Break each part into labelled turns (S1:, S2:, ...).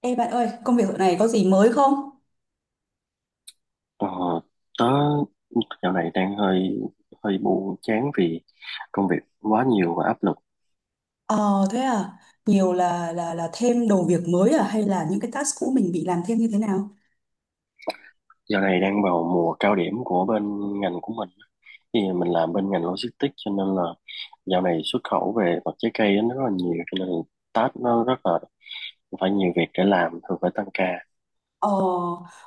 S1: Ê bạn ơi, công việc dạo này có gì mới không?
S2: Ờ, tớ dạo này đang hơi hơi buồn chán vì công việc quá nhiều và áp lực.
S1: Ờ thế à, nhiều là thêm đồ việc mới à hay là những cái task cũ mình bị làm thêm như thế nào?
S2: Dạo này đang vào mùa cao điểm của bên ngành của mình. Thì mình làm bên ngành logistics cho nên là dạo này xuất khẩu về vật trái cây nó rất là nhiều, cho nên là task nó rất là phải nhiều việc để làm, thường phải tăng ca.
S1: Ờ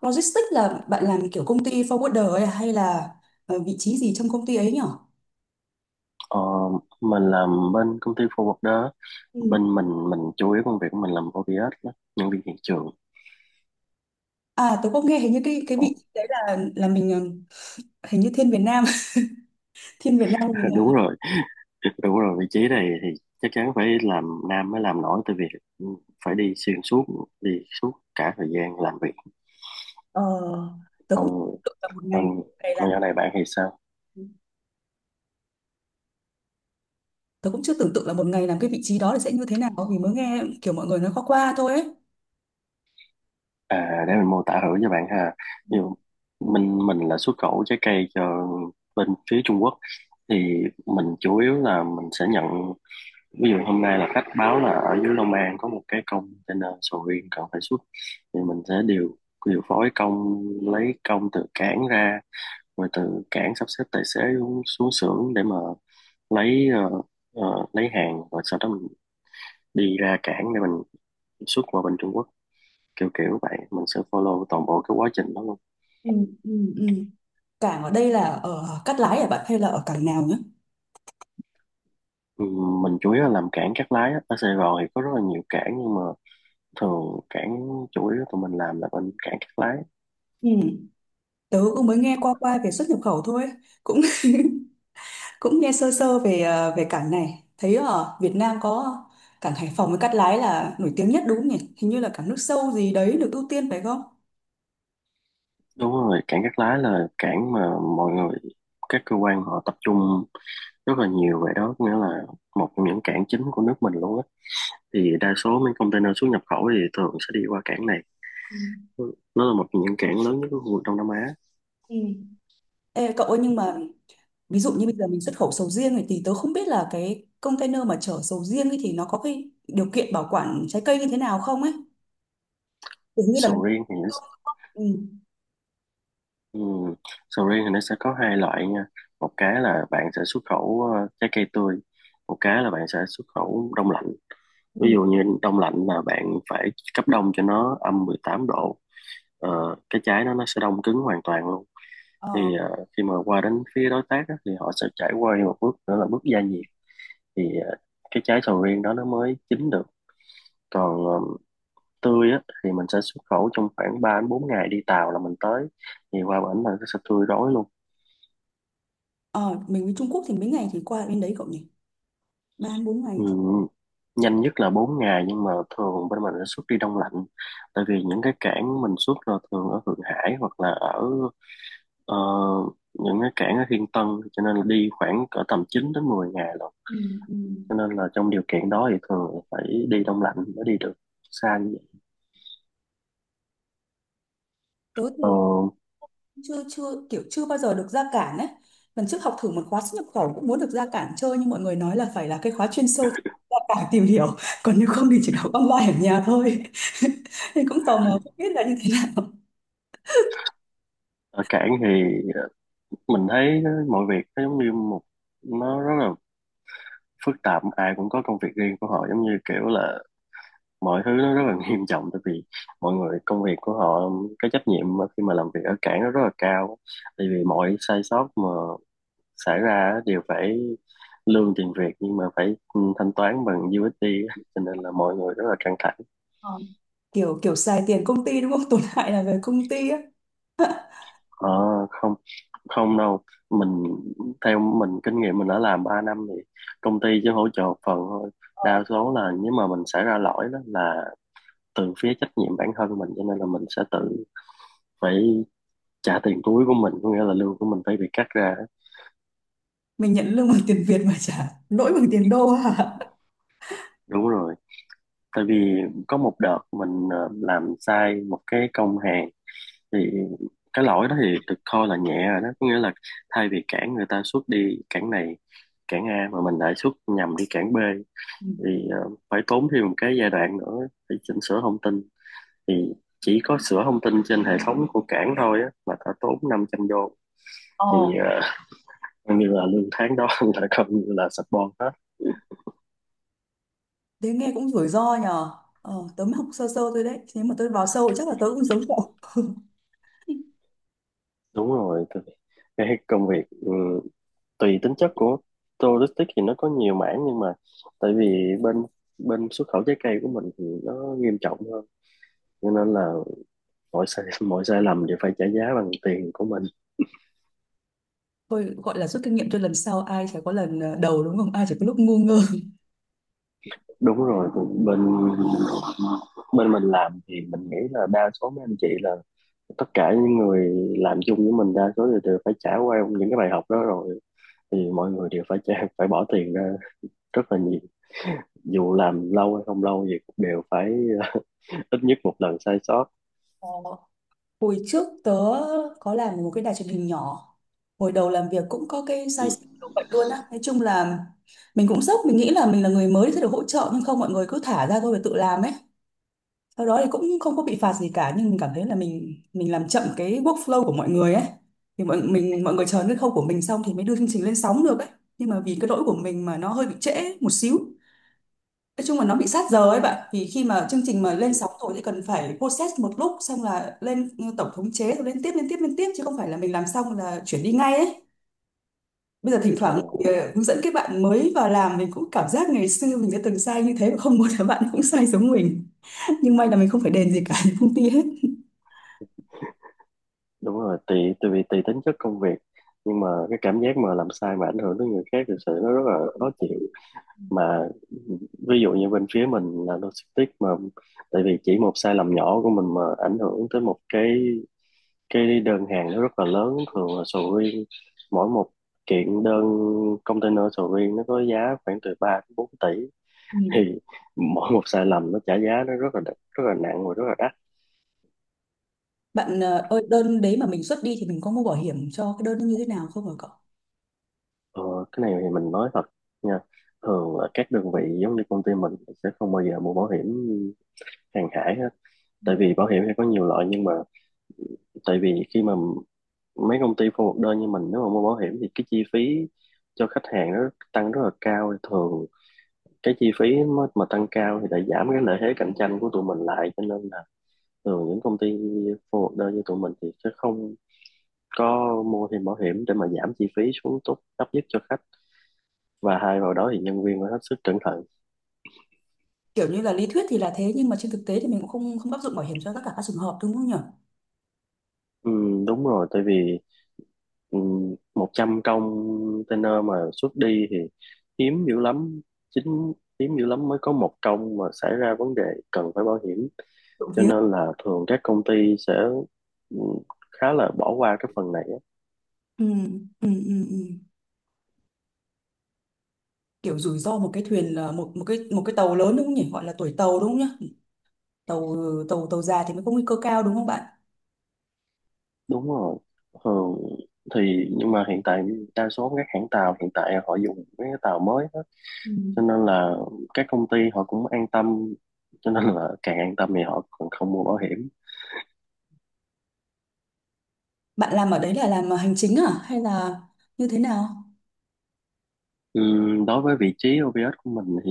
S1: Logistics là bạn làm kiểu công ty forwarder ấy à, hay là vị trí gì trong công ty ấy nhở?
S2: Ờ, mình làm bên công ty forwarder á.
S1: Ừ.
S2: Bên mình chủ yếu công việc của mình làm ODS đó, nhân viên hiện trường.
S1: À tôi có nghe hình như cái vị
S2: Không-
S1: trí đấy là mình, hình như thiên Việt Nam, thiên Việt Nam mình.
S2: Đúng rồi. Đúng rồi, vị trí này thì chắc chắn phải làm nam mới làm nổi, tại vì phải đi xuyên suốt, đi suốt cả thời gian làm việc.
S1: Ờ, tôi cũng tưởng
S2: còn
S1: tượng là một ngày,
S2: còn
S1: ngày
S2: còn
S1: làm
S2: nhỏ này bạn thì sao?
S1: tôi cũng chưa tưởng tượng là một ngày làm cái vị trí đó thì sẽ như thế nào, vì mới nghe kiểu mọi người nói qua qua thôi ấy.
S2: À, để mình mô tả thử cho bạn ha. Ví dụ mình là xuất khẩu trái cây cho bên phía Trung Quốc, thì mình chủ yếu là mình sẽ nhận. Ví dụ hôm nay là khách báo là ở dưới Long An có một cái container sầu riêng cần phải xuất, thì mình sẽ điều điều phối công, lấy công từ cảng ra, rồi từ cảng sắp xếp tài xế xuống xưởng để mà lấy lấy hàng, rồi sau đó mình đi ra cảng để mình xuất qua bên Trung Quốc. Kiểu kiểu vậy, mình sẽ follow toàn bộ cái quá trình đó luôn.
S1: Ừ, ừ, ừ. Cảng ở đây là ở Cát Lái hả bạn, hay là ở cảng nào nữa?
S2: Ừ, mình chủ yếu là làm cảng Cát Lái á. Ở Sài Gòn thì có rất là nhiều cảng nhưng mà thường cảng chủ yếu tụi mình làm là bên cảng Cát Lái.
S1: Ừ. Tớ cũng mới nghe qua qua về xuất nhập khẩu thôi. Cũng cũng nghe sơ sơ về về cảng này. Thấy ở Việt Nam có cảng Hải Phòng với Cát Lái là nổi tiếng nhất đúng không nhỉ? Hình như là cảng nước sâu gì đấy được ưu tiên phải không?
S2: Đúng rồi, cảng Cát Lái là cảng mà mọi người, các cơ quan họ tập trung rất là nhiều về đó, nghĩa là một trong những cảng chính của nước mình luôn á. Thì đa số mấy container xuất nhập khẩu thì thường sẽ đi qua cảng này.
S1: Ừ.
S2: Nó là một trong những cảng lớn nhất của khu vực Đông Nam Á.
S1: Ừ. Ê, cậu ơi, nhưng mà ví dụ như bây giờ mình xuất khẩu sầu riêng này, thì tớ không biết là cái container mà chở sầu riêng ấy thì nó có cái điều kiện bảo quản trái cây như thế nào không ấy. Kiểu như là mình,
S2: Sầu riêng thì nó,
S1: ừ.
S2: ừm, sầu riêng thì nó sẽ có hai loại nha. Một cái là bạn sẽ xuất khẩu trái cây tươi, một cái là bạn sẽ xuất khẩu đông lạnh. Ví
S1: Ừ.
S2: dụ như đông lạnh là bạn phải cấp đông cho nó âm 18 độ. Ờ, cái trái nó sẽ đông cứng hoàn toàn luôn.
S1: Ờ.
S2: Thì khi mà qua đến phía đối tác á, thì họ sẽ trải qua một bước nữa là bước gia nhiệt. Thì cái trái sầu riêng đó nó mới chín được. Còn tươi á, thì mình sẽ xuất khẩu trong khoảng 3 đến 4 ngày đi tàu là mình tới. Thì qua bển mình sẽ tươi đói luôn.
S1: Ờ, mình với Trung Quốc thì mấy ngày thì qua bên đấy cậu nhỉ? Ba bốn
S2: Ừ.
S1: ngày.
S2: Nhanh nhất là 4 ngày nhưng mà thường bên mình sẽ xuất đi đông lạnh, tại vì những cái cảng mình xuất là thường ở Thượng Hải hoặc là ở ờ, những cái cảng ở Thiên Tân, cho nên là đi khoảng cỡ tầm 9 đến 10 ngày rồi.
S1: Ừ, ừ.
S2: Cho nên là trong điều kiện đó thì thường là phải đi đông lạnh mới đi được xa như vậy.
S1: Tớ
S2: Ờ,
S1: thì chưa chưa kiểu chưa bao giờ được ra cảng ấy. Lần trước học thử một khóa xuất nhập khẩu cũng muốn được ra cảng chơi, nhưng mọi người nói là phải là cái khóa chuyên sâu thì ra cảng tìm hiểu, còn nếu không thì chỉ đọc online ở nhà thôi. Thì cũng tò mò không biết là như thế nào.
S2: ở cảng thì mình thấy mọi việc nó giống như một, nó rất là phức tạp. Ai cũng có công việc riêng của họ, giống như kiểu là mọi thứ nó rất là nghiêm trọng. Tại vì mọi người, công việc của họ, cái trách nhiệm mà khi mà làm việc ở cảng nó rất là cao. Tại vì mọi sai sót mà xảy ra á đều phải lương tiền Việt nhưng mà phải thanh toán bằng USD á. Cho nên là mọi người rất là căng thẳng.
S1: Kiểu kiểu xài tiền công ty đúng không? Tổn hại là về công ty á.
S2: Ờ, không không đâu. Mình, theo mình kinh nghiệm mình đã làm 3 năm thì công ty chỉ hỗ trợ một phần thôi. Đa số là nếu mà mình xảy ra lỗi đó là từ phía trách nhiệm bản thân mình, cho nên là mình sẽ tự phải trả tiền túi của mình, có nghĩa là lương của mình phải bị cắt ra.
S1: Mình nhận lương bằng tiền Việt mà trả lỗi bằng tiền đô à.
S2: Đúng rồi, tại vì có một đợt mình làm sai một cái công hàng. Thì cái lỗi đó thì được coi là nhẹ rồi đó, có nghĩa là thay vì cản người ta xuất đi cản này, cản A mà mình lại xuất nhầm đi cản B,
S1: Ừ.
S2: thì phải tốn thêm một cái giai đoạn nữa để chỉnh sửa thông tin. Thì chỉ có sửa thông tin trên hệ thống của cảng thôi á, là đã tốn 500 đô. Thì
S1: Ờ,
S2: như là lương tháng đó là coi như là support hết.
S1: thế nghe cũng rủi ro nhờ. Tớ mới học sơ sơ thôi đấy, nếu mà tớ vào sâu chắc là tớ cũng giống cậu.
S2: Đúng rồi, cái công việc tùy tính chất của logistics thì nó có nhiều mảng nhưng mà tại vì bên bên xuất khẩu trái cây của mình thì nó nghiêm trọng hơn, cho nên là mọi sai lầm đều phải trả giá bằng tiền của mình.
S1: Thôi gọi là rút kinh nghiệm cho lần sau, ai chả có lần đầu, đúng không, ai chả có lúc ngu ngơ.
S2: Đúng rồi, bên bên mình làm thì mình nghĩ là đa số mấy anh chị là tất cả những người làm chung với mình đa số đều phải trải qua những cái bài học đó rồi. Thì mọi người đều phải trả, phải bỏ tiền ra rất là nhiều, dù làm lâu hay không lâu gì cũng đều phải ít nhất một lần sai sót.
S1: Ờ, hồi trước tớ có làm một cái đài truyền hình nhỏ, hồi đầu làm việc cũng có cái sai
S2: Ừ.
S1: sót kiểu vậy luôn á. Nói chung là mình cũng sốc, mình nghĩ là mình là người mới sẽ được hỗ trợ, nhưng không, mọi người cứ thả ra thôi và tự làm ấy. Sau đó thì cũng không có bị phạt gì cả, nhưng mình cảm thấy là mình làm chậm cái workflow của mọi người ấy, thì mọi người chờ cái khâu của mình xong thì mới đưa chương trình lên sóng được ấy, nhưng mà vì cái lỗi của mình mà nó hơi bị trễ một xíu. Nói chung là nó bị sát giờ ấy bạn, vì khi mà chương trình mà lên sóng rồi thì cần phải process một lúc xong là lên tổng thống chế, rồi lên tiếp lên tiếp lên tiếp, chứ không phải là mình làm xong là chuyển đi ngay ấy. Bây giờ thỉnh
S2: Ờ,
S1: thoảng thì, hướng dẫn các bạn mới vào làm, mình cũng cảm giác ngày xưa mình đã từng sai như thế và không muốn là bạn cũng sai giống mình. Nhưng may là mình không phải đền gì cả công ty hết.
S2: đúng rồi, tùy tùy tùy tính chất công việc. Nhưng mà cái cảm giác mà làm sai mà ảnh hưởng tới người khác thực sự nó rất là khó chịu. Mà ví dụ như bên phía mình là logistics mà, tại vì chỉ một sai lầm nhỏ của mình mà ảnh hưởng tới một cái đơn hàng nó rất là lớn, thường là sầu riêng. Mỗi một kiện đơn container sầu riêng nó có giá khoảng từ 3 đến 4 tỷ.
S1: Ừ.
S2: Thì mỗi một sai lầm nó trả giá nó rất là rất là nặng và rất là đắt.
S1: Bạn ơi, đơn đấy mà mình xuất đi thì mình có mua bảo hiểm cho cái đơn nó như thế nào không hả cậu?
S2: Ờ, cái này thì mình nói thật nha. Thường là các đơn vị giống như công ty mình sẽ không bao giờ mua bảo hiểm hàng hải hết. Tại vì bảo hiểm thì có nhiều loại, nhưng mà tại vì khi mà mấy công ty forward đơn như mình, nếu mà mua bảo hiểm thì cái chi phí cho khách hàng nó tăng rất là cao. Thì thường cái chi phí mà tăng cao thì lại giảm cái lợi thế cạnh tranh của tụi mình lại, cho nên là thường những công ty forward đơn như tụi mình thì sẽ không có mua thêm bảo hiểm, để mà giảm chi phí xuống tốt thấp nhất cho khách, và hai vào đó thì nhân viên phải hết sức cẩn thận.
S1: Kiểu như là lý thuyết thì là thế, nhưng mà trên thực tế thì mình cũng không không áp dụng bảo hiểm cho tất cả các trường hợp đúng không nhỉ?
S2: Đúng rồi, tại vì 100 container mà xuất đi thì hiếm dữ lắm, chính hiếm dữ lắm mới có một công mà xảy ra vấn đề cần phải bảo hiểm.
S1: Trộm
S2: Cho
S1: vía.
S2: nên là thường các công ty sẽ ừm, khá là bỏ qua cái phần này á.
S1: Ừ, ừ, ừ, ừ. Kiểu rủi ro một cái thuyền là một một cái, một cái tàu lớn đúng không nhỉ? Gọi là tuổi tàu đúng không nhỉ? Tàu, tàu già thì mới có nguy cơ cao đúng không bạn?
S2: Đúng rồi, thường thì nhưng mà hiện tại đa số các hãng tàu hiện tại họ dùng mấy cái tàu mới á,
S1: Ừ.
S2: cho nên là các công ty họ cũng an tâm, cho nên là càng an tâm thì họ còn không mua bảo hiểm.
S1: Bạn làm ở đấy là làm hành chính à, hay là như thế nào?
S2: Đối với vị trí OVS của mình thì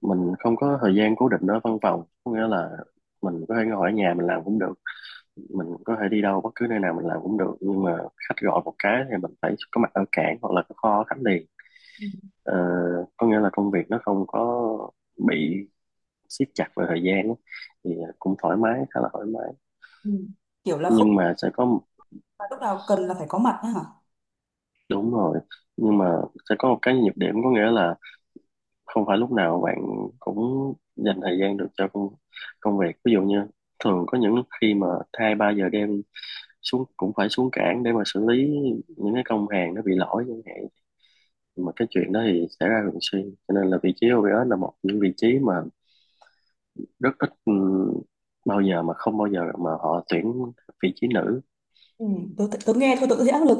S2: mình không có thời gian cố định ở văn phòng, có nghĩa là mình có thể ngồi ở nhà mình làm cũng được, mình có thể đi đâu bất cứ nơi nào mình làm cũng được, nhưng mà khách gọi một cái thì mình phải có mặt ở cảng hoặc là có kho ở khách liền.
S1: Ừ.
S2: Ờ, có nghĩa là công việc nó không có bị siết chặt về thời gian á. Thì cũng thoải mái, khá là thoải mái.
S1: Ừ. Kiểu là không
S2: Nhưng mà sẽ có.
S1: là lúc nào cần là phải có mặt á hả?
S2: Đúng rồi, nhưng mà sẽ có một cái nhược điểm, có nghĩa là không phải lúc nào bạn cũng dành thời gian được cho công việc. Ví dụ như thường có những lúc khi mà 2 3 giờ đêm xuống cũng phải xuống cảng để mà xử lý những cái công hàng nó bị lỗi chẳng hạn. Mà cái chuyện đó thì xảy ra thường xuyên. Cho nên là vị trí OBS là một những vị trí mà rất ít, bao giờ mà không bao giờ mà họ tuyển vị trí nữ.
S1: Ừ, tôi nghe thôi tôi cũng thấy áp lực.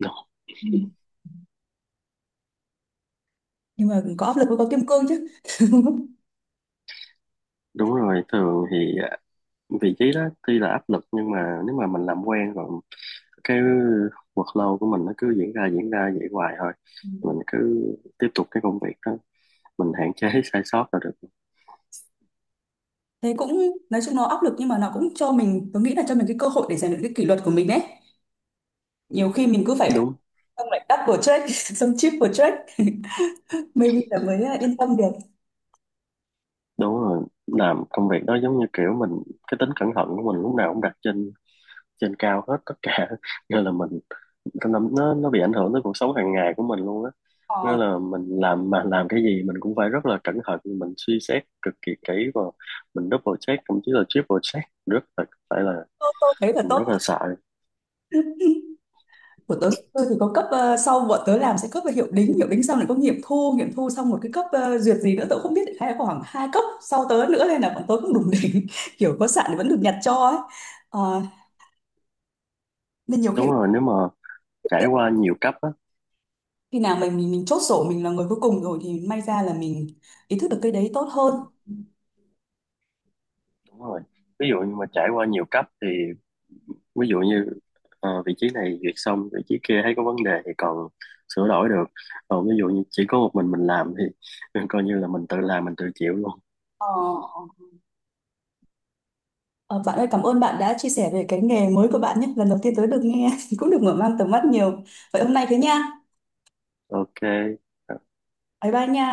S2: Đúng
S1: Ừ. Nhưng mà có áp lực mới có kim cương chứ.
S2: đúng rồi, thường thì vị trí đó tuy là áp lực nhưng mà nếu mà mình làm quen rồi, cái workload của mình nó cứ diễn ra vậy hoài thôi.
S1: Ừ.
S2: Mình cứ tiếp tục cái công việc đó, mình hạn chế sai sót là được.
S1: Thế cũng nói chung nó áp lực, nhưng mà nó cũng cho mình, tôi nghĩ là cho mình cái cơ hội để rèn luyện cái kỷ luật của mình đấy. Nhiều khi mình cứ phải,
S2: đúng
S1: xong lại double check xong triple check, maybe là mới, yên tâm được.
S2: đúng rồi, làm công việc đó giống như kiểu mình cái tính cẩn thận của mình lúc nào cũng đặt trên trên cao hết tất cả, nên là mình nó bị ảnh hưởng tới cuộc sống hàng ngày của mình luôn á. Nghĩa
S1: Ờ,
S2: là mình làm mà làm cái gì mình cũng phải rất là cẩn thận, mình suy xét cực kỳ kỹ và mình double check thậm chí là triple check, rất là phải là
S1: tôi thấy là
S2: mình rất là
S1: tốt.
S2: sợ.
S1: Của tớ, tôi thì có cấp, sau bọn tớ làm sẽ cấp về hiệu đính, hiệu đính xong lại có nghiệm thu, nghiệm thu xong một cái cấp, duyệt gì nữa tớ cũng không biết, hay là khoảng hai cấp sau tớ nữa, nên là bọn tớ cũng đủ đỉnh. Kiểu có sạn thì vẫn được nhặt cho ấy. Ờ, nên nhiều khi
S2: Đúng rồi, nếu mà trải qua nhiều cấp á.
S1: khi nào mình chốt sổ, mình là người cuối cùng rồi thì may ra là mình ý thức được cái đấy tốt hơn.
S2: Đúng rồi. Ví dụ như mà trải qua nhiều cấp thì ví dụ như vị trí này duyệt xong vị trí kia thấy có vấn đề thì còn sửa đổi được. Còn ví dụ như chỉ có một mình làm thì coi như là mình tự làm mình tự chịu luôn.
S1: Ờ, ờ, bạn ơi, cảm ơn bạn đã chia sẻ về cái nghề mới của bạn nhé, lần đầu tiên tới được nghe cũng được mở mang tầm mắt nhiều. Vậy hôm nay thế nha,
S2: Ok. Ờ.
S1: bye bye nha.